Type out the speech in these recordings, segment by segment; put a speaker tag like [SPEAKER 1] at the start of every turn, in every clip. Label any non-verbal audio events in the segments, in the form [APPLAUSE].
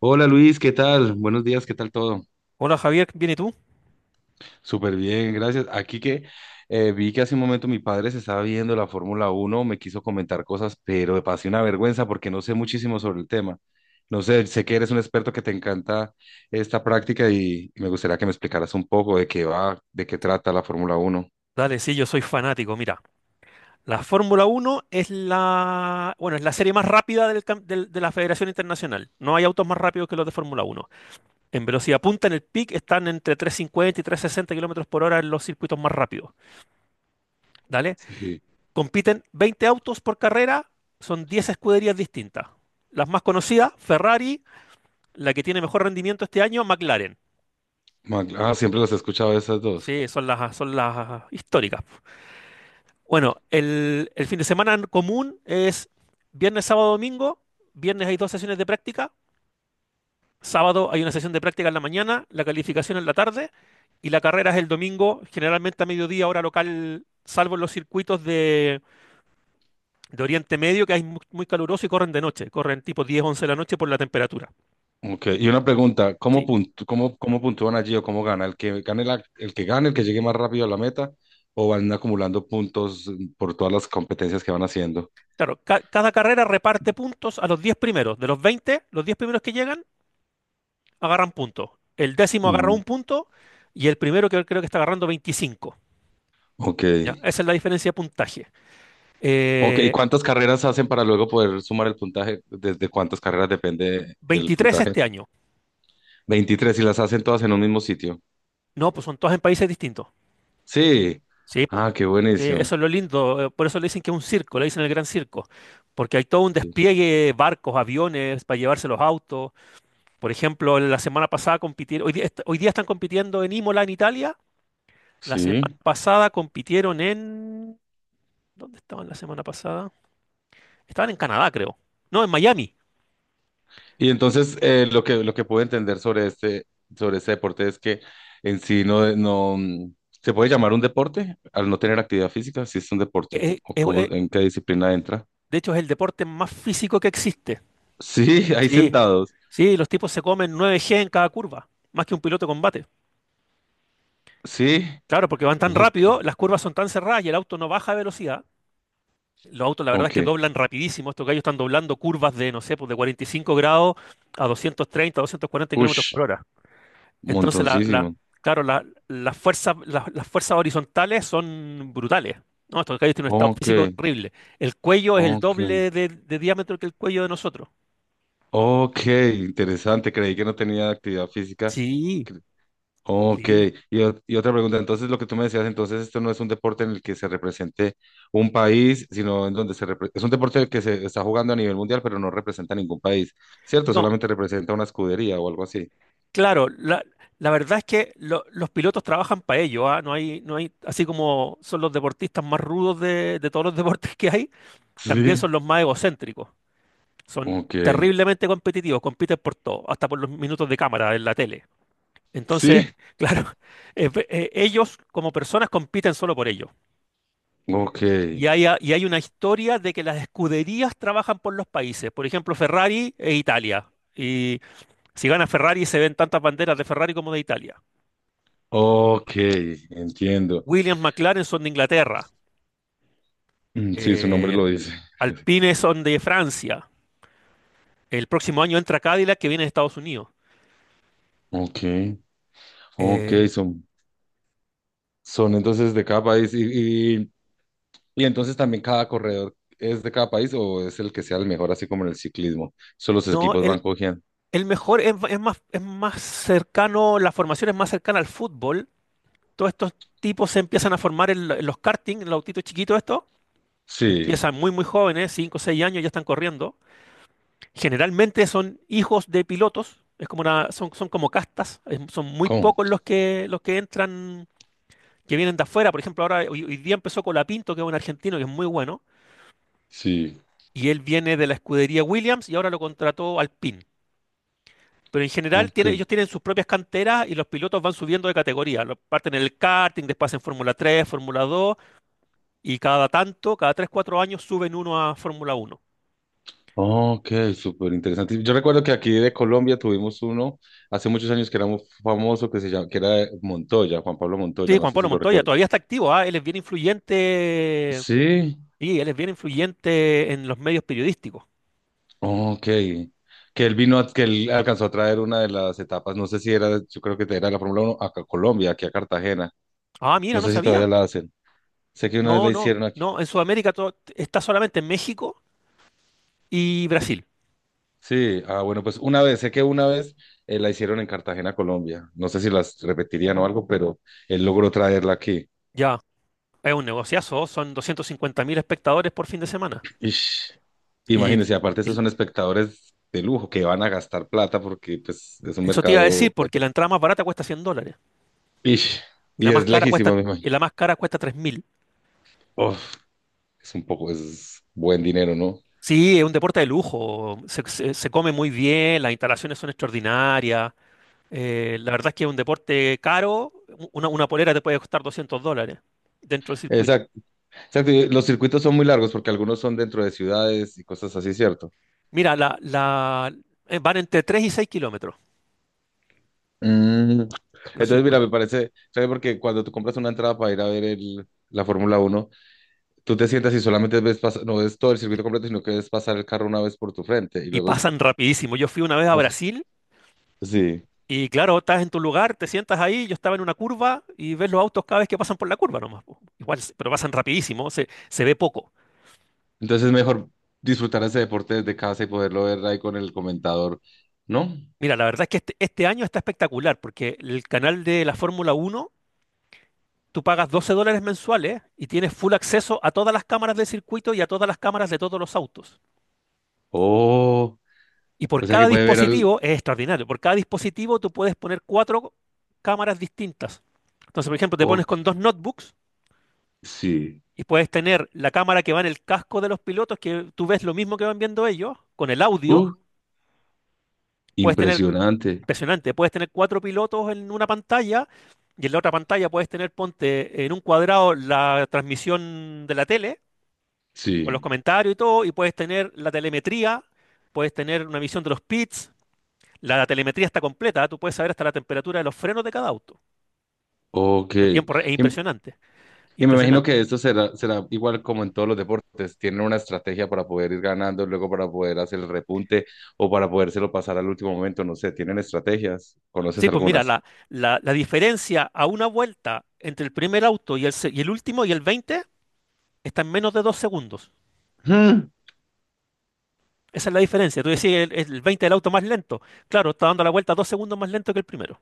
[SPEAKER 1] Hola Luis, ¿qué tal? Buenos días, ¿qué tal todo?
[SPEAKER 2] Hola Javier, ¿bien y tú?
[SPEAKER 1] Súper bien, gracias. Aquí que vi que hace un momento mi padre se estaba viendo la Fórmula Uno, me quiso comentar cosas, pero me pasé una vergüenza porque no sé muchísimo sobre el tema. No sé, sé que eres un experto que te encanta esta práctica y me gustaría que me explicaras un poco de qué va, de qué trata la Fórmula Uno.
[SPEAKER 2] Dale, sí, yo soy fanático. Mira, la Fórmula Uno es es la serie más rápida de la Federación Internacional. No hay autos más rápidos que los de Fórmula Uno. En velocidad punta, en el peak, están entre 350 y 360 kilómetros por hora en los circuitos más rápidos. Dale,
[SPEAKER 1] Sí.
[SPEAKER 2] compiten 20 autos por carrera, son 10 escuderías distintas. Las más conocidas, Ferrari, la que tiene mejor rendimiento este año, McLaren.
[SPEAKER 1] Ah, siempre los he escuchado esas dos.
[SPEAKER 2] Sí, son las históricas. Bueno, el fin de semana común es viernes, sábado, domingo. Viernes hay dos sesiones de práctica. Sábado hay una sesión de práctica en la mañana, la calificación en la tarde y la carrera es el domingo, generalmente a mediodía, hora local, salvo en los circuitos de Oriente Medio, que es muy caluroso y corren de noche, corren tipo 10, 11 de la noche por la temperatura.
[SPEAKER 1] Ok, y una pregunta,
[SPEAKER 2] Sí,
[SPEAKER 1] ¿cómo puntúan allí o cómo gana? ¿El que gane, el que llegue más rápido a la meta o van acumulando puntos por todas las competencias que van haciendo?
[SPEAKER 2] claro, cada carrera reparte puntos a los 10 primeros. De los veinte, los 10 primeros que llegan agarran puntos. El décimo agarra
[SPEAKER 1] Ujú.
[SPEAKER 2] un punto y el primero que creo que está agarrando 25.
[SPEAKER 1] Ok,
[SPEAKER 2] ¿Ya? Esa es la diferencia de puntaje.
[SPEAKER 1] ok, ¿y
[SPEAKER 2] Eh,
[SPEAKER 1] cuántas carreras hacen para luego poder sumar el puntaje? ¿Desde cuántas carreras depende el
[SPEAKER 2] 23
[SPEAKER 1] puntaje?
[SPEAKER 2] este año.
[SPEAKER 1] 23. Y las hacen todas en un mismo sitio.
[SPEAKER 2] No, pues son todas en países distintos.
[SPEAKER 1] Sí.
[SPEAKER 2] Sí, pues.
[SPEAKER 1] Ah, qué
[SPEAKER 2] Sí,
[SPEAKER 1] buenísimo.
[SPEAKER 2] eso es lo lindo. Por eso le dicen que es un circo, le dicen el gran circo. Porque hay todo un
[SPEAKER 1] Ok.
[SPEAKER 2] despliegue, barcos, aviones, para llevarse los autos. Por ejemplo, la semana pasada compitieron, hoy, hoy día están compitiendo en Imola, en Italia. La semana
[SPEAKER 1] Sí.
[SPEAKER 2] pasada compitieron en… ¿Dónde estaban la semana pasada? Estaban en Canadá, creo. No, en Miami.
[SPEAKER 1] Y entonces lo que puedo entender sobre sobre este deporte es que en sí no, se puede llamar un deporte al no tener actividad física, si es un deporte,
[SPEAKER 2] Eh,
[SPEAKER 1] o
[SPEAKER 2] eh,
[SPEAKER 1] cómo,
[SPEAKER 2] eh,
[SPEAKER 1] en qué disciplina entra.
[SPEAKER 2] de hecho, es el deporte más físico que existe.
[SPEAKER 1] Sí, [LAUGHS] ahí
[SPEAKER 2] Sí,
[SPEAKER 1] sentados.
[SPEAKER 2] Sí, los tipos se comen 9 G en cada curva, más que un piloto de combate.
[SPEAKER 1] Sí.
[SPEAKER 2] Claro, porque van tan
[SPEAKER 1] Ok,
[SPEAKER 2] rápido, las curvas son tan cerradas y el auto no baja de velocidad. Los autos, la verdad es
[SPEAKER 1] ok.
[SPEAKER 2] que doblan rapidísimo. Estos gallos están doblando curvas no sé, pues de 45 grados a 230, 240 kilómetros por
[SPEAKER 1] Ush,
[SPEAKER 2] hora. Entonces,
[SPEAKER 1] montoncísimo.
[SPEAKER 2] claro, las fuerzas, las fuerzas horizontales son brutales. No, estos gallos tienen un estado
[SPEAKER 1] Ok,
[SPEAKER 2] físico terrible. El cuello es el
[SPEAKER 1] ok.
[SPEAKER 2] doble de diámetro que el cuello de nosotros.
[SPEAKER 1] Ok, interesante. Creí que no tenía actividad física.
[SPEAKER 2] Sí,
[SPEAKER 1] Ok,
[SPEAKER 2] sí.
[SPEAKER 1] y otra pregunta, entonces lo que tú me decías, entonces esto no es un deporte en el que se represente un país, sino en donde es un deporte que se está jugando a nivel mundial, pero no representa ningún país, ¿cierto?
[SPEAKER 2] No,
[SPEAKER 1] Solamente representa una escudería o algo así.
[SPEAKER 2] claro, la verdad es que los pilotos trabajan para ello, ¿ah? No hay, así como son los deportistas más rudos de todos los [LAUGHS] deportes que hay, también
[SPEAKER 1] Sí.
[SPEAKER 2] son los más egocéntricos. Son
[SPEAKER 1] Ok,
[SPEAKER 2] terriblemente competitivos, compiten por todo, hasta por los minutos de cámara en la tele. Entonces,
[SPEAKER 1] sí,
[SPEAKER 2] claro, [LAUGHS] ellos como personas compiten solo por ello.
[SPEAKER 1] ok,
[SPEAKER 2] Y hay una historia de que las escuderías trabajan por los países, por ejemplo, Ferrari e Italia. Y si gana Ferrari se ven tantas banderas de Ferrari como de Italia.
[SPEAKER 1] ok, entiendo.
[SPEAKER 2] Williams McLaren son de Inglaterra.
[SPEAKER 1] Mm, sí, su nombre
[SPEAKER 2] eh,
[SPEAKER 1] lo dice.
[SPEAKER 2] Alpine son de Francia. El próximo año entra Cadillac que viene de Estados Unidos.
[SPEAKER 1] Ok, ok,
[SPEAKER 2] Eh,
[SPEAKER 1] son, son entonces de cada país. Y entonces también cada corredor es de cada país o es el que sea el mejor, así como en el ciclismo. Solo los
[SPEAKER 2] no,
[SPEAKER 1] equipos van
[SPEAKER 2] el,
[SPEAKER 1] cogiendo.
[SPEAKER 2] el mejor es más cercano, la formación es más cercana al fútbol. Todos estos tipos se empiezan a formar en los karting, en los autitos chiquitos estos.
[SPEAKER 1] Sí,
[SPEAKER 2] Empiezan muy, muy jóvenes, 5 o 6 años, ya están corriendo. Generalmente son hijos de pilotos. Son, son como castas. Son muy
[SPEAKER 1] ¿cómo?
[SPEAKER 2] pocos los que entran que vienen de afuera. Por ejemplo, hoy día empezó Colapinto, que es un argentino que es muy bueno,
[SPEAKER 1] Sí,
[SPEAKER 2] y él viene de la escudería Williams y ahora lo contrató Alpine. Pero en general
[SPEAKER 1] ok.
[SPEAKER 2] ellos tienen sus propias canteras y los pilotos van subiendo de categoría. Parten en el karting, después en Fórmula 3, Fórmula 2 y cada tanto, cada 3 4 años suben uno a Fórmula 1.
[SPEAKER 1] Ok, súper interesante. Yo recuerdo que aquí de Colombia tuvimos uno hace muchos años que era muy famoso, que se llama, que era de Montoya, Juan Pablo Montoya,
[SPEAKER 2] Sí,
[SPEAKER 1] no
[SPEAKER 2] Juan
[SPEAKER 1] sé si
[SPEAKER 2] Pablo
[SPEAKER 1] lo
[SPEAKER 2] Montoya
[SPEAKER 1] recuerdo.
[SPEAKER 2] todavía está activo. Él es bien influyente,
[SPEAKER 1] Sí,
[SPEAKER 2] y él es bien influyente en los medios periodísticos.
[SPEAKER 1] ok. Que él vino, que él alcanzó a traer una de las etapas, no sé si era, yo creo que era la Fórmula uno acá a Colombia, aquí a Cartagena.
[SPEAKER 2] Ah, mira,
[SPEAKER 1] No
[SPEAKER 2] no
[SPEAKER 1] sé si todavía
[SPEAKER 2] sabía.
[SPEAKER 1] la hacen. Sé que una vez
[SPEAKER 2] No,
[SPEAKER 1] la
[SPEAKER 2] no,
[SPEAKER 1] hicieron.
[SPEAKER 2] no. En Sudamérica está solamente en México y Brasil.
[SPEAKER 1] Sí, ah, bueno, pues una vez, sé que una vez la hicieron en Cartagena, Colombia. No sé si las repetirían o algo, pero él logró traerla aquí.
[SPEAKER 2] Ya, es un negociazo, son 250 mil espectadores por fin de semana.
[SPEAKER 1] Ish.
[SPEAKER 2] Y,
[SPEAKER 1] Imagínense, aparte esos
[SPEAKER 2] y
[SPEAKER 1] son espectadores de lujo que van a gastar plata porque pues es un
[SPEAKER 2] eso te iba a
[SPEAKER 1] mercado
[SPEAKER 2] decir, porque la
[SPEAKER 1] potente.
[SPEAKER 2] entrada más barata cuesta $100
[SPEAKER 1] Ish.
[SPEAKER 2] y la
[SPEAKER 1] Y
[SPEAKER 2] más
[SPEAKER 1] es
[SPEAKER 2] cara cuesta,
[SPEAKER 1] lejísimo, me
[SPEAKER 2] y
[SPEAKER 1] imagino.
[SPEAKER 2] la más cara cuesta 3 mil.
[SPEAKER 1] Uf, es un poco, es buen dinero, ¿no?
[SPEAKER 2] Sí, es un deporte de lujo, se come muy bien, las instalaciones son extraordinarias. La verdad es que es un deporte caro, una polera te puede costar $200 dentro del circuito.
[SPEAKER 1] Exacto, exacto. Y los circuitos son muy largos porque algunos son dentro de ciudades y cosas así, ¿cierto?
[SPEAKER 2] Mira, van entre 3 y 6 kilómetros
[SPEAKER 1] Mm.
[SPEAKER 2] los
[SPEAKER 1] Entonces, mira, me
[SPEAKER 2] circuitos
[SPEAKER 1] parece, ¿sabes? Porque cuando tú compras una entrada para ir a ver la Fórmula Uno, tú te sientas y solamente no ves todo el circuito completo, sino que ves pasar el carro una vez por tu frente y
[SPEAKER 2] y
[SPEAKER 1] luego
[SPEAKER 2] pasan rapidísimo. Yo fui una vez a
[SPEAKER 1] pasar.
[SPEAKER 2] Brasil
[SPEAKER 1] Sí.
[SPEAKER 2] y claro, estás en tu lugar, te sientas ahí, yo estaba en una curva y ves los autos cada vez que pasan por la curva nomás, po. Igual, pero pasan rapidísimo, se ve poco.
[SPEAKER 1] Entonces es mejor disfrutar ese deporte desde casa y poderlo ver ahí con el comentador, ¿no?
[SPEAKER 2] Mira, la verdad es que este año está espectacular porque el canal de la Fórmula Uno, tú pagas $12 mensuales y tienes full acceso a todas las cámaras del circuito y a todas las cámaras de todos los autos.
[SPEAKER 1] Oh,
[SPEAKER 2] Y por
[SPEAKER 1] o sea
[SPEAKER 2] cada
[SPEAKER 1] que puede ver al...
[SPEAKER 2] dispositivo, es extraordinario, por cada dispositivo tú puedes poner cuatro cámaras distintas. Entonces, por ejemplo, te pones
[SPEAKER 1] Ok,
[SPEAKER 2] con dos notebooks
[SPEAKER 1] sí.
[SPEAKER 2] y puedes tener la cámara que va en el casco de los pilotos, que tú ves lo mismo que van viendo ellos, con el audio.
[SPEAKER 1] Uh,
[SPEAKER 2] Puedes tener,
[SPEAKER 1] impresionante.
[SPEAKER 2] impresionante, puedes tener cuatro pilotos en una pantalla y en la otra pantalla puedes tener, ponte en un cuadrado la transmisión de la tele, con los
[SPEAKER 1] Sí.
[SPEAKER 2] comentarios y todo, y puedes tener la telemetría, puedes tener una visión de los pits. La telemetría está completa, tú puedes saber hasta la temperatura de los frenos de cada auto.
[SPEAKER 1] Ok.
[SPEAKER 2] En es
[SPEAKER 1] Im-
[SPEAKER 2] impresionante,
[SPEAKER 1] Y me imagino
[SPEAKER 2] impresionante.
[SPEAKER 1] que esto será, será igual como en todos los deportes. Tienen una estrategia para poder ir ganando, luego para poder hacer el repunte o para podérselo pasar al último momento. No sé, tienen estrategias. ¿Conoces
[SPEAKER 2] Sí, pues mira,
[SPEAKER 1] algunas?
[SPEAKER 2] la diferencia a una vuelta entre el primer auto y el último y el 20 está en menos de dos segundos.
[SPEAKER 1] Mm.
[SPEAKER 2] Esa es la diferencia. Tú decís, el 20 del auto más lento. Claro, está dando la vuelta dos segundos más lento que el primero.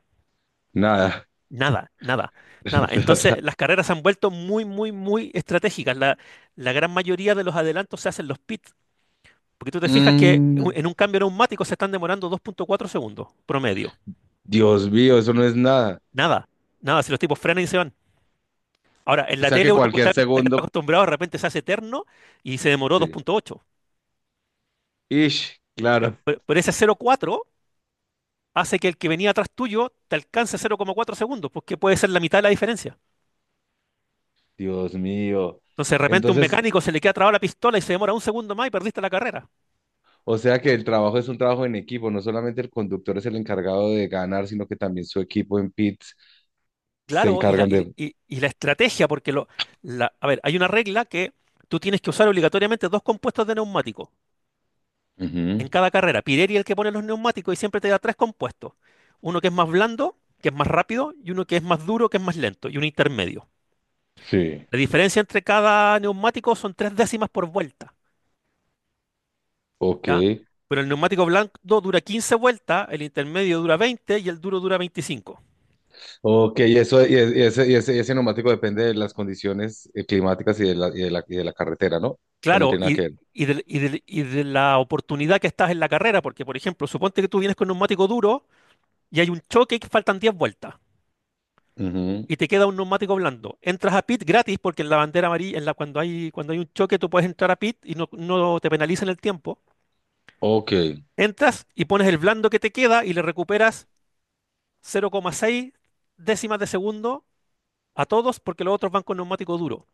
[SPEAKER 1] Nada.
[SPEAKER 2] Nada, nada, nada.
[SPEAKER 1] [LAUGHS]
[SPEAKER 2] Entonces, las carreras se han vuelto muy, muy, muy estratégicas. La gran mayoría de los adelantos se hacen los pits. Porque tú te fijas que
[SPEAKER 1] Mm,
[SPEAKER 2] en un cambio neumático se están demorando dos punto cuatro segundos promedio.
[SPEAKER 1] Dios mío, eso no es nada.
[SPEAKER 2] Nada, nada. Si los tipos frenan y se van. Ahora, en
[SPEAKER 1] O
[SPEAKER 2] la
[SPEAKER 1] sea que
[SPEAKER 2] tele uno
[SPEAKER 1] cualquier
[SPEAKER 2] está
[SPEAKER 1] segundo,
[SPEAKER 2] acostumbrado, de repente se hace eterno y se demoró
[SPEAKER 1] sí.
[SPEAKER 2] 2.8.
[SPEAKER 1] Ish, claro.
[SPEAKER 2] Pero ese 0.4 hace que el que venía atrás tuyo te alcance 0.4 segundos, porque puede ser la mitad de la diferencia.
[SPEAKER 1] Dios mío.
[SPEAKER 2] Entonces, de repente un
[SPEAKER 1] Entonces,
[SPEAKER 2] mecánico se le queda trabada la pistola y se demora un segundo más y perdiste la carrera.
[SPEAKER 1] o sea que el trabajo es un trabajo en equipo. No solamente el conductor es el encargado de ganar, sino que también su equipo en pits se
[SPEAKER 2] Claro, y la,
[SPEAKER 1] encargan
[SPEAKER 2] y,
[SPEAKER 1] de...
[SPEAKER 2] y- y la estrategia, porque a ver, hay una regla que tú tienes que usar obligatoriamente dos compuestos de neumático en
[SPEAKER 1] Ujú.
[SPEAKER 2] cada carrera. Pirelli es el que pone los neumáticos y siempre te da tres compuestos. Uno que es más blando, que es más rápido, y uno que es más duro, que es más lento, y un intermedio.
[SPEAKER 1] Sí,
[SPEAKER 2] La diferencia entre cada neumático son tres décimas por vuelta,
[SPEAKER 1] ok.
[SPEAKER 2] ¿ya? Pero el neumático blando dura 15 vueltas, el intermedio dura 20 y el duro dura 25.
[SPEAKER 1] Ok, y ese, y ese neumático depende de las condiciones climáticas y y de la carretera, ¿no? O no
[SPEAKER 2] Claro,
[SPEAKER 1] tiene nada que ver.
[SPEAKER 2] la oportunidad que estás en la carrera, porque por ejemplo, suponte que tú vienes con neumático duro y hay un choque y que faltan 10 vueltas
[SPEAKER 1] Ujú.
[SPEAKER 2] y te queda un neumático blando. Entras a pit gratis porque en la bandera amarilla, cuando hay un choque, tú puedes entrar a pit y no te penalizan el tiempo.
[SPEAKER 1] Ok.
[SPEAKER 2] Entras y pones el blando que te queda y le recuperas 0,6 décimas de segundo a todos porque los otros van con neumático duro.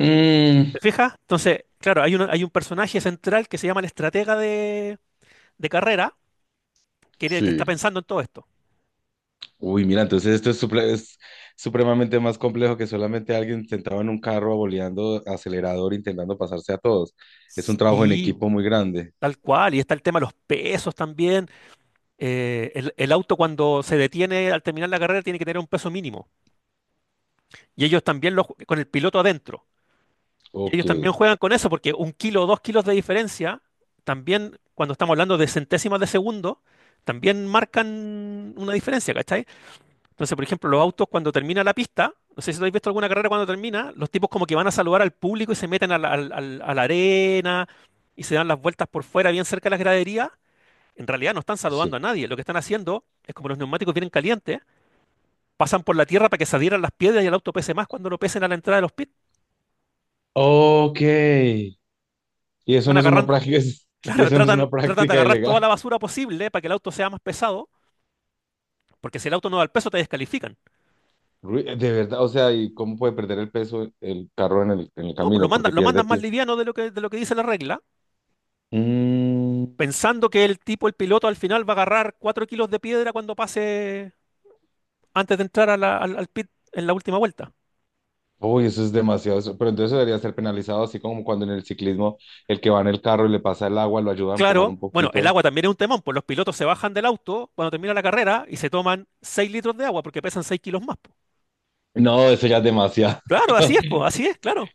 [SPEAKER 1] Mm,
[SPEAKER 2] ¿Te fijas? Entonces, claro, hay un personaje central que se llama el estratega de carrera, que es el que está
[SPEAKER 1] sí.
[SPEAKER 2] pensando en todo esto.
[SPEAKER 1] Uy, mira, entonces es supremamente más complejo que solamente alguien sentado en un carro aboleando acelerador intentando pasarse a todos. Es un trabajo en
[SPEAKER 2] Sí,
[SPEAKER 1] equipo
[SPEAKER 2] bu,
[SPEAKER 1] muy grande.
[SPEAKER 2] tal cual. Y está el tema de los pesos también. El auto cuando se detiene al terminar la carrera tiene que tener un peso mínimo. Y ellos también con el piloto adentro. Y
[SPEAKER 1] Ok,
[SPEAKER 2] ellos también juegan con eso, porque un kilo o dos kilos de diferencia, también cuando estamos hablando de centésimas de segundo, también marcan una diferencia, ¿cachai? Entonces, por ejemplo, los autos cuando termina la pista, no sé si habéis visto alguna carrera cuando termina, los tipos como que van a saludar al público y se meten a la arena y se dan las vueltas por fuera, bien cerca de las graderías. En realidad no están
[SPEAKER 1] sí.
[SPEAKER 2] saludando a nadie. Lo que están haciendo es como los neumáticos vienen calientes, pasan por la tierra para que se adhieran las piedras y el auto pese más cuando lo pesen a la entrada de los pits.
[SPEAKER 1] Ok. Y eso
[SPEAKER 2] Están
[SPEAKER 1] no es una
[SPEAKER 2] agarrando,
[SPEAKER 1] práctica, [LAUGHS]
[SPEAKER 2] [LAUGHS]
[SPEAKER 1] y
[SPEAKER 2] claro,
[SPEAKER 1] eso no es
[SPEAKER 2] tratan,
[SPEAKER 1] una
[SPEAKER 2] tratan de
[SPEAKER 1] práctica
[SPEAKER 2] agarrar toda
[SPEAKER 1] ilegal.
[SPEAKER 2] la basura posible para que el auto sea más pesado, porque si el auto no da el peso te descalifican.
[SPEAKER 1] De verdad, o sea, ¿y cómo puede perder el peso el carro en en el
[SPEAKER 2] No, pues lo
[SPEAKER 1] camino? Porque
[SPEAKER 2] mandan, lo
[SPEAKER 1] pierde
[SPEAKER 2] mandan más
[SPEAKER 1] pie.
[SPEAKER 2] liviano de lo que dice la regla,
[SPEAKER 1] Mm,
[SPEAKER 2] pensando que el piloto, al final va a agarrar 4 kilos de piedra cuando pase antes de entrar a al pit en la última vuelta.
[SPEAKER 1] uy, eso es demasiado. Pero entonces debería ser penalizado, así como cuando en el ciclismo el que va en el carro y le pasa el agua, lo ayuda a empujar
[SPEAKER 2] Claro,
[SPEAKER 1] un
[SPEAKER 2] bueno, el
[SPEAKER 1] poquito.
[SPEAKER 2] agua también es un temón, pues los pilotos se bajan del auto cuando termina la carrera y se toman 6 litros de agua porque pesan 6 kilos más. Po.
[SPEAKER 1] No, eso ya es demasiado.
[SPEAKER 2] Claro, así
[SPEAKER 1] [LAUGHS]
[SPEAKER 2] es, pues, así es, claro.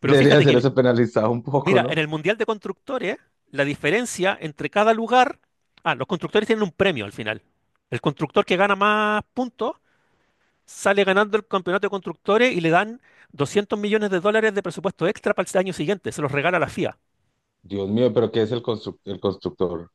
[SPEAKER 2] Pero
[SPEAKER 1] Debería
[SPEAKER 2] fíjate
[SPEAKER 1] ser
[SPEAKER 2] que,
[SPEAKER 1] eso penalizado un poco,
[SPEAKER 2] mira, en
[SPEAKER 1] ¿no?
[SPEAKER 2] el Mundial de Constructores, la diferencia entre cada lugar, ah, los constructores tienen un premio al final. El constructor que gana más puntos sale ganando el campeonato de constructores y le dan $200 millones de presupuesto extra para el año siguiente. Se los regala la FIA.
[SPEAKER 1] Dios mío, pero ¿qué es el constructor?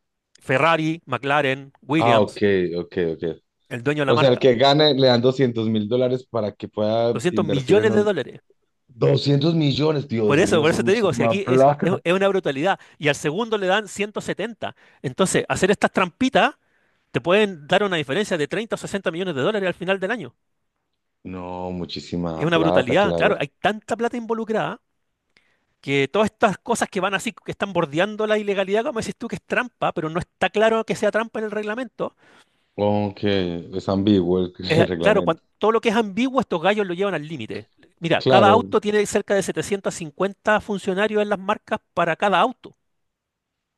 [SPEAKER 2] Ferrari, McLaren,
[SPEAKER 1] Ah,
[SPEAKER 2] Williams,
[SPEAKER 1] ok, ok, ok.
[SPEAKER 2] el dueño de la
[SPEAKER 1] O sea, el
[SPEAKER 2] marca.
[SPEAKER 1] que gane le dan 200 mil dólares para que pueda
[SPEAKER 2] doscientos
[SPEAKER 1] invertir en
[SPEAKER 2] millones de
[SPEAKER 1] un...
[SPEAKER 2] dólares.
[SPEAKER 1] 200 millones,
[SPEAKER 2] Por
[SPEAKER 1] Dios
[SPEAKER 2] eso,
[SPEAKER 1] mío,
[SPEAKER 2] por
[SPEAKER 1] eso es
[SPEAKER 2] eso te digo, si
[SPEAKER 1] muchísima
[SPEAKER 2] aquí es, es,
[SPEAKER 1] plata.
[SPEAKER 2] es una brutalidad y al segundo le dan 170. Entonces, hacer estas trampitas te pueden dar una diferencia de 30 o 60 millones de dólares al final del año.
[SPEAKER 1] No,
[SPEAKER 2] Es
[SPEAKER 1] muchísima
[SPEAKER 2] una
[SPEAKER 1] plata,
[SPEAKER 2] brutalidad,
[SPEAKER 1] claro.
[SPEAKER 2] claro, hay tanta plata involucrada que todas estas cosas que van así, que están bordeando la ilegalidad, como decís tú, que es trampa, pero no está claro que sea trampa en el reglamento.
[SPEAKER 1] Aunque es ambiguo [LAUGHS] el
[SPEAKER 2] Claro,
[SPEAKER 1] reglamento.
[SPEAKER 2] todo lo que es ambiguo, estos gallos lo llevan al límite. Mira, cada
[SPEAKER 1] Claro,
[SPEAKER 2] auto tiene cerca de 750 funcionarios en las marcas para cada auto,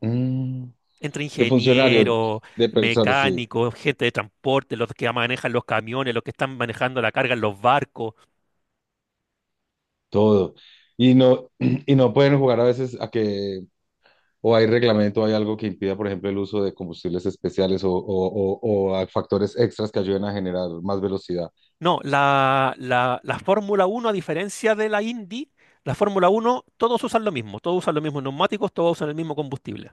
[SPEAKER 1] mm,
[SPEAKER 2] entre
[SPEAKER 1] de funcionarios,
[SPEAKER 2] ingenieros,
[SPEAKER 1] de personas, sí,
[SPEAKER 2] mecánicos, gente de transporte, los que manejan los camiones, los que están manejando la carga en los barcos.
[SPEAKER 1] todo. Y no, [CLEARS THROAT] y no pueden jugar a veces a que o hay reglamento, o hay algo que impida, por ejemplo, el uso de combustibles especiales o a factores extras que ayuden a generar más velocidad.
[SPEAKER 2] No, la Fórmula Uno a diferencia de la Indy, la Fórmula Uno todos usan lo mismo, todos usan los mismos neumáticos, todos usan el mismo combustible.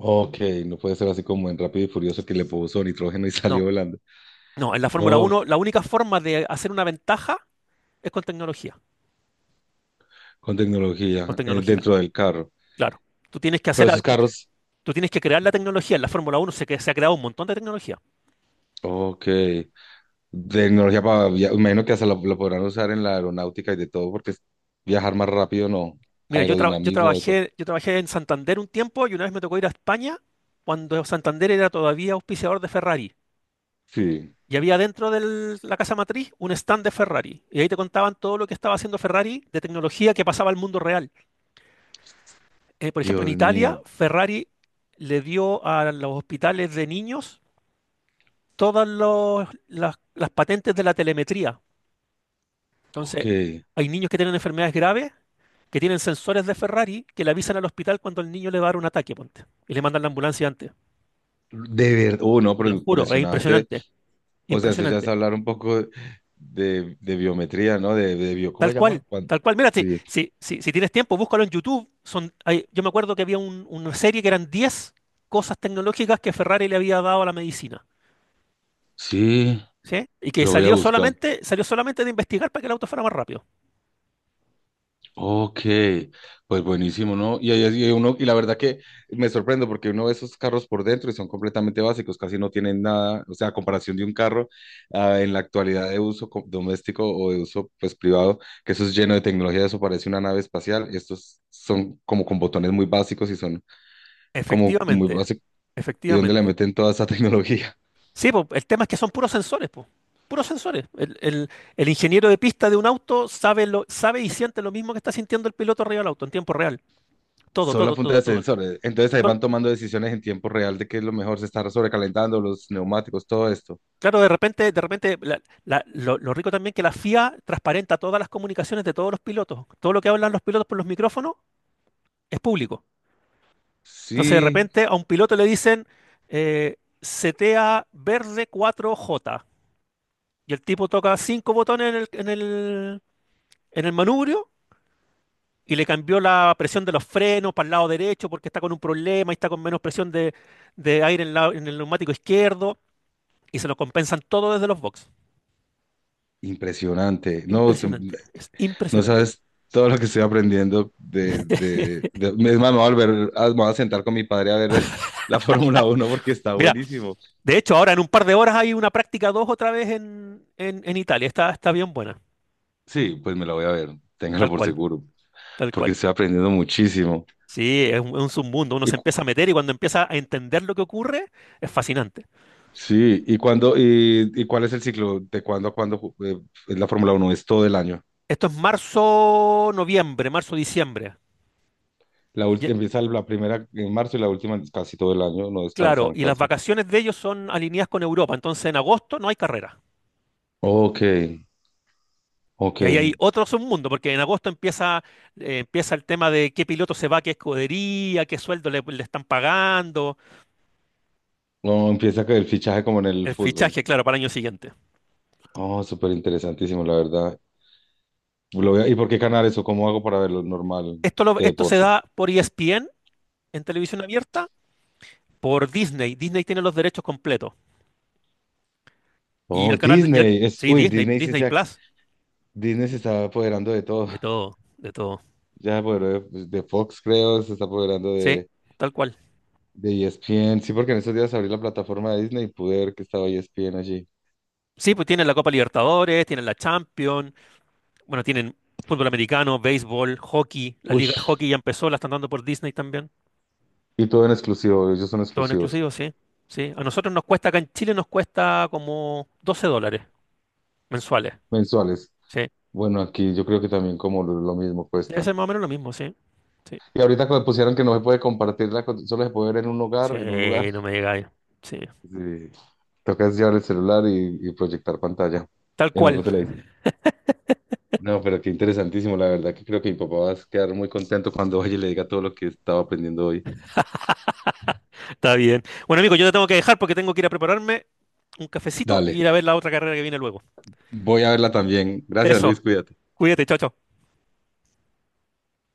[SPEAKER 1] Ok, no puede ser así como en Rápido y Furioso que le puso nitrógeno y [LAUGHS] salió
[SPEAKER 2] No,
[SPEAKER 1] volando.
[SPEAKER 2] no, en la Fórmula
[SPEAKER 1] Oh,
[SPEAKER 2] Uno la única forma de hacer una ventaja es
[SPEAKER 1] con
[SPEAKER 2] con
[SPEAKER 1] tecnología
[SPEAKER 2] tecnología,
[SPEAKER 1] dentro del carro.
[SPEAKER 2] claro. Tú tienes que
[SPEAKER 1] Pero esos carros,
[SPEAKER 2] tú tienes que crear la tecnología. En la Fórmula Uno se ha creado un montón de tecnología.
[SPEAKER 1] ok. Tecnología para, imagino que hasta lo podrán usar en la aeronáutica y de todo, viajar más rápido, no.
[SPEAKER 2] Mira,
[SPEAKER 1] Aerodinamismo, de todo.
[SPEAKER 2] yo trabajé en Santander un tiempo y una vez me tocó ir a España cuando Santander era todavía auspiciador de Ferrari.
[SPEAKER 1] Sí.
[SPEAKER 2] Y había dentro de la casa matriz un stand de Ferrari. Y ahí te contaban todo lo que estaba haciendo Ferrari de tecnología que pasaba al mundo real. Por ejemplo, en
[SPEAKER 1] Dios
[SPEAKER 2] Italia,
[SPEAKER 1] mío.
[SPEAKER 2] Ferrari le dio a los hospitales de niños las patentes de la telemetría.
[SPEAKER 1] Ok.
[SPEAKER 2] Entonces,
[SPEAKER 1] De
[SPEAKER 2] hay niños que tienen enfermedades graves, que tienen sensores de Ferrari, que le avisan al hospital cuando el niño le va a dar un ataque, ponte. Y le mandan la ambulancia antes.
[SPEAKER 1] verdad. No,
[SPEAKER 2] Te
[SPEAKER 1] pero
[SPEAKER 2] lo juro, es
[SPEAKER 1] impresionante.
[SPEAKER 2] impresionante.
[SPEAKER 1] O sea, eso ya es
[SPEAKER 2] Impresionante.
[SPEAKER 1] hablar un poco de biometría, ¿no? ¿Cómo
[SPEAKER 2] Tal
[SPEAKER 1] se llama?
[SPEAKER 2] cual, tal cual. Mira, si,
[SPEAKER 1] Sí.
[SPEAKER 2] si, si, si tienes tiempo, búscalo en YouTube. Yo me acuerdo que una serie que eran 10 cosas tecnológicas que Ferrari le había dado a la medicina,
[SPEAKER 1] Sí,
[SPEAKER 2] ¿sí? Y que
[SPEAKER 1] lo voy a buscar.
[SPEAKER 2] salió solamente de investigar para que el auto fuera más rápido.
[SPEAKER 1] Ok, pues buenísimo, ¿no? Y uno, y la verdad que me sorprendo porque uno ve esos carros por dentro y son completamente básicos, casi no tienen nada, o sea, a comparación de un carro en la actualidad de doméstico o de uso pues privado, que eso es lleno de tecnología, eso parece una nave espacial, estos son como con botones muy básicos y son como muy
[SPEAKER 2] Efectivamente,
[SPEAKER 1] básicos, ¿y dónde le
[SPEAKER 2] efectivamente.
[SPEAKER 1] meten toda esa [LAUGHS] tecnología?
[SPEAKER 2] Sí, po, el tema es que son puros sensores, po. Puros sensores. El ingeniero de pista de un auto sabe, sabe y siente lo mismo que está sintiendo el piloto arriba del auto en tiempo real. Todo,
[SPEAKER 1] Solo a
[SPEAKER 2] todo,
[SPEAKER 1] punta
[SPEAKER 2] todo,
[SPEAKER 1] de
[SPEAKER 2] todo.
[SPEAKER 1] sensores, entonces ahí
[SPEAKER 2] Sol-
[SPEAKER 1] van tomando decisiones en tiempo real de qué es lo mejor, se está sobrecalentando los neumáticos, todo esto.
[SPEAKER 2] Claro, de repente, lo rico también que la FIA transparenta todas las comunicaciones de todos los pilotos. Todo lo que hablan los pilotos por los micrófonos es público. Entonces, de
[SPEAKER 1] Sí.
[SPEAKER 2] repente, a un piloto le dicen eh, setea verde 4J. Y el tipo toca 5 botones en el manubrio y le cambió la presión de los frenos para el lado derecho porque está con un problema y está con menos presión de aire en, la- en el neumático izquierdo. Y se lo compensan todo desde los box.
[SPEAKER 1] Impresionante. No,
[SPEAKER 2] Impresionante, es
[SPEAKER 1] no
[SPEAKER 2] impresionante.
[SPEAKER 1] sabes todo lo que estoy aprendiendo Es más, me voy a me voy a sentar con mi padre a ver [LAUGHS] la Fórmula Uno porque está
[SPEAKER 2] Mira,
[SPEAKER 1] buenísimo.
[SPEAKER 2] de hecho, ahora en un par de horas hay una práctica 2 otra vez en, en Italia. Está bien buena,
[SPEAKER 1] Sí, pues me la voy a ver, téngalo
[SPEAKER 2] tal
[SPEAKER 1] por
[SPEAKER 2] cual,
[SPEAKER 1] seguro,
[SPEAKER 2] tal
[SPEAKER 1] porque
[SPEAKER 2] cual.
[SPEAKER 1] estoy aprendiendo muchísimo.
[SPEAKER 2] Sí, es un submundo. Uno
[SPEAKER 1] Y,
[SPEAKER 2] se
[SPEAKER 1] cu-
[SPEAKER 2] empieza a meter y cuando empieza a entender lo que ocurre, es fascinante.
[SPEAKER 1] sí, y cuál es el ciclo, de cuándo a cuándo es la Fórmula Uno? Es todo el año.
[SPEAKER 2] Esto es marzo, noviembre, marzo, diciembre.
[SPEAKER 1] La
[SPEAKER 2] Y-
[SPEAKER 1] última empieza la primera en marzo y la última es casi todo el año, no
[SPEAKER 2] claro,
[SPEAKER 1] descansan
[SPEAKER 2] y las
[SPEAKER 1] casi.
[SPEAKER 2] vacaciones de ellos son alineadas con Europa. Entonces en agosto no hay carrera.
[SPEAKER 1] Ok, ok.
[SPEAKER 2] Y ahí hay otro submundo, porque en agosto empieza, empieza el tema de qué piloto se va, qué escudería, qué sueldo le están pagando,
[SPEAKER 1] No, empieza que el fichaje como en el
[SPEAKER 2] el
[SPEAKER 1] fútbol.
[SPEAKER 2] fichaje, claro, para el año siguiente.
[SPEAKER 1] Oh, súper interesantísimo, la verdad. ¿Y por qué canales o cómo hago para verlo normal de
[SPEAKER 2] Esto se
[SPEAKER 1] deporte?
[SPEAKER 2] da por ESPN en televisión abierta, por Disney. Disney tiene los derechos completos. Y
[SPEAKER 1] Oh,
[SPEAKER 2] el canal, de- y el-
[SPEAKER 1] Disney. Es,
[SPEAKER 2] sí,
[SPEAKER 1] uy,
[SPEAKER 2] Disney,
[SPEAKER 1] Disney sí
[SPEAKER 2] Disney Plus,
[SPEAKER 1] Disney se está apoderando de todo.
[SPEAKER 2] de
[SPEAKER 1] [LAUGHS]
[SPEAKER 2] todo, de todo.
[SPEAKER 1] Ya se apoderó de, pues, de Fox, creo, se está apoderando
[SPEAKER 2] Sí, tal cual.
[SPEAKER 1] de ESPN. Sí, porque en estos días abrí la plataforma de Disney y pude ver que estaba ESPN allí.
[SPEAKER 2] Sí, pues tienen la Copa Libertadores, tienen la Champions, bueno, tienen fútbol americano, béisbol, hockey, la liga de
[SPEAKER 1] Ush.
[SPEAKER 2] hockey ya empezó, la están dando por Disney también.
[SPEAKER 1] Y todo en exclusivo, ellos son
[SPEAKER 2] Todo en
[SPEAKER 1] exclusivos,
[SPEAKER 2] exclusivo, sí. Sí, a nosotros nos cuesta, acá en Chile nos cuesta como $12 mensuales.
[SPEAKER 1] mensuales.
[SPEAKER 2] Sí,
[SPEAKER 1] Bueno, aquí yo creo que también como lo mismo
[SPEAKER 2] debe
[SPEAKER 1] cuesta.
[SPEAKER 2] ser más o menos lo mismo, sí. Sí,
[SPEAKER 1] Y ahorita cuando pusieron que no se puede compartirla, solo se puede ver en un hogar,
[SPEAKER 2] sí,
[SPEAKER 1] en un lugar.
[SPEAKER 2] no me llega ahí. Sí.
[SPEAKER 1] Sí. Tocas llevar el celular y proyectar pantalla.
[SPEAKER 2] Tal
[SPEAKER 1] Y en
[SPEAKER 2] cual.
[SPEAKER 1] otro televisor. No, pero qué interesantísimo. La verdad que creo que mi papá va a quedar muy contento cuando vaya y le diga todo lo que estaba aprendiendo hoy.
[SPEAKER 2] Está bien. Bueno, amigo, yo te tengo que dejar porque tengo que ir a prepararme un cafecito y
[SPEAKER 1] Dale,
[SPEAKER 2] ir a ver la otra carrera que viene luego.
[SPEAKER 1] voy a verla también. Gracias,
[SPEAKER 2] Eso.
[SPEAKER 1] Luis, cuídate.
[SPEAKER 2] Cuídate, chao, chao.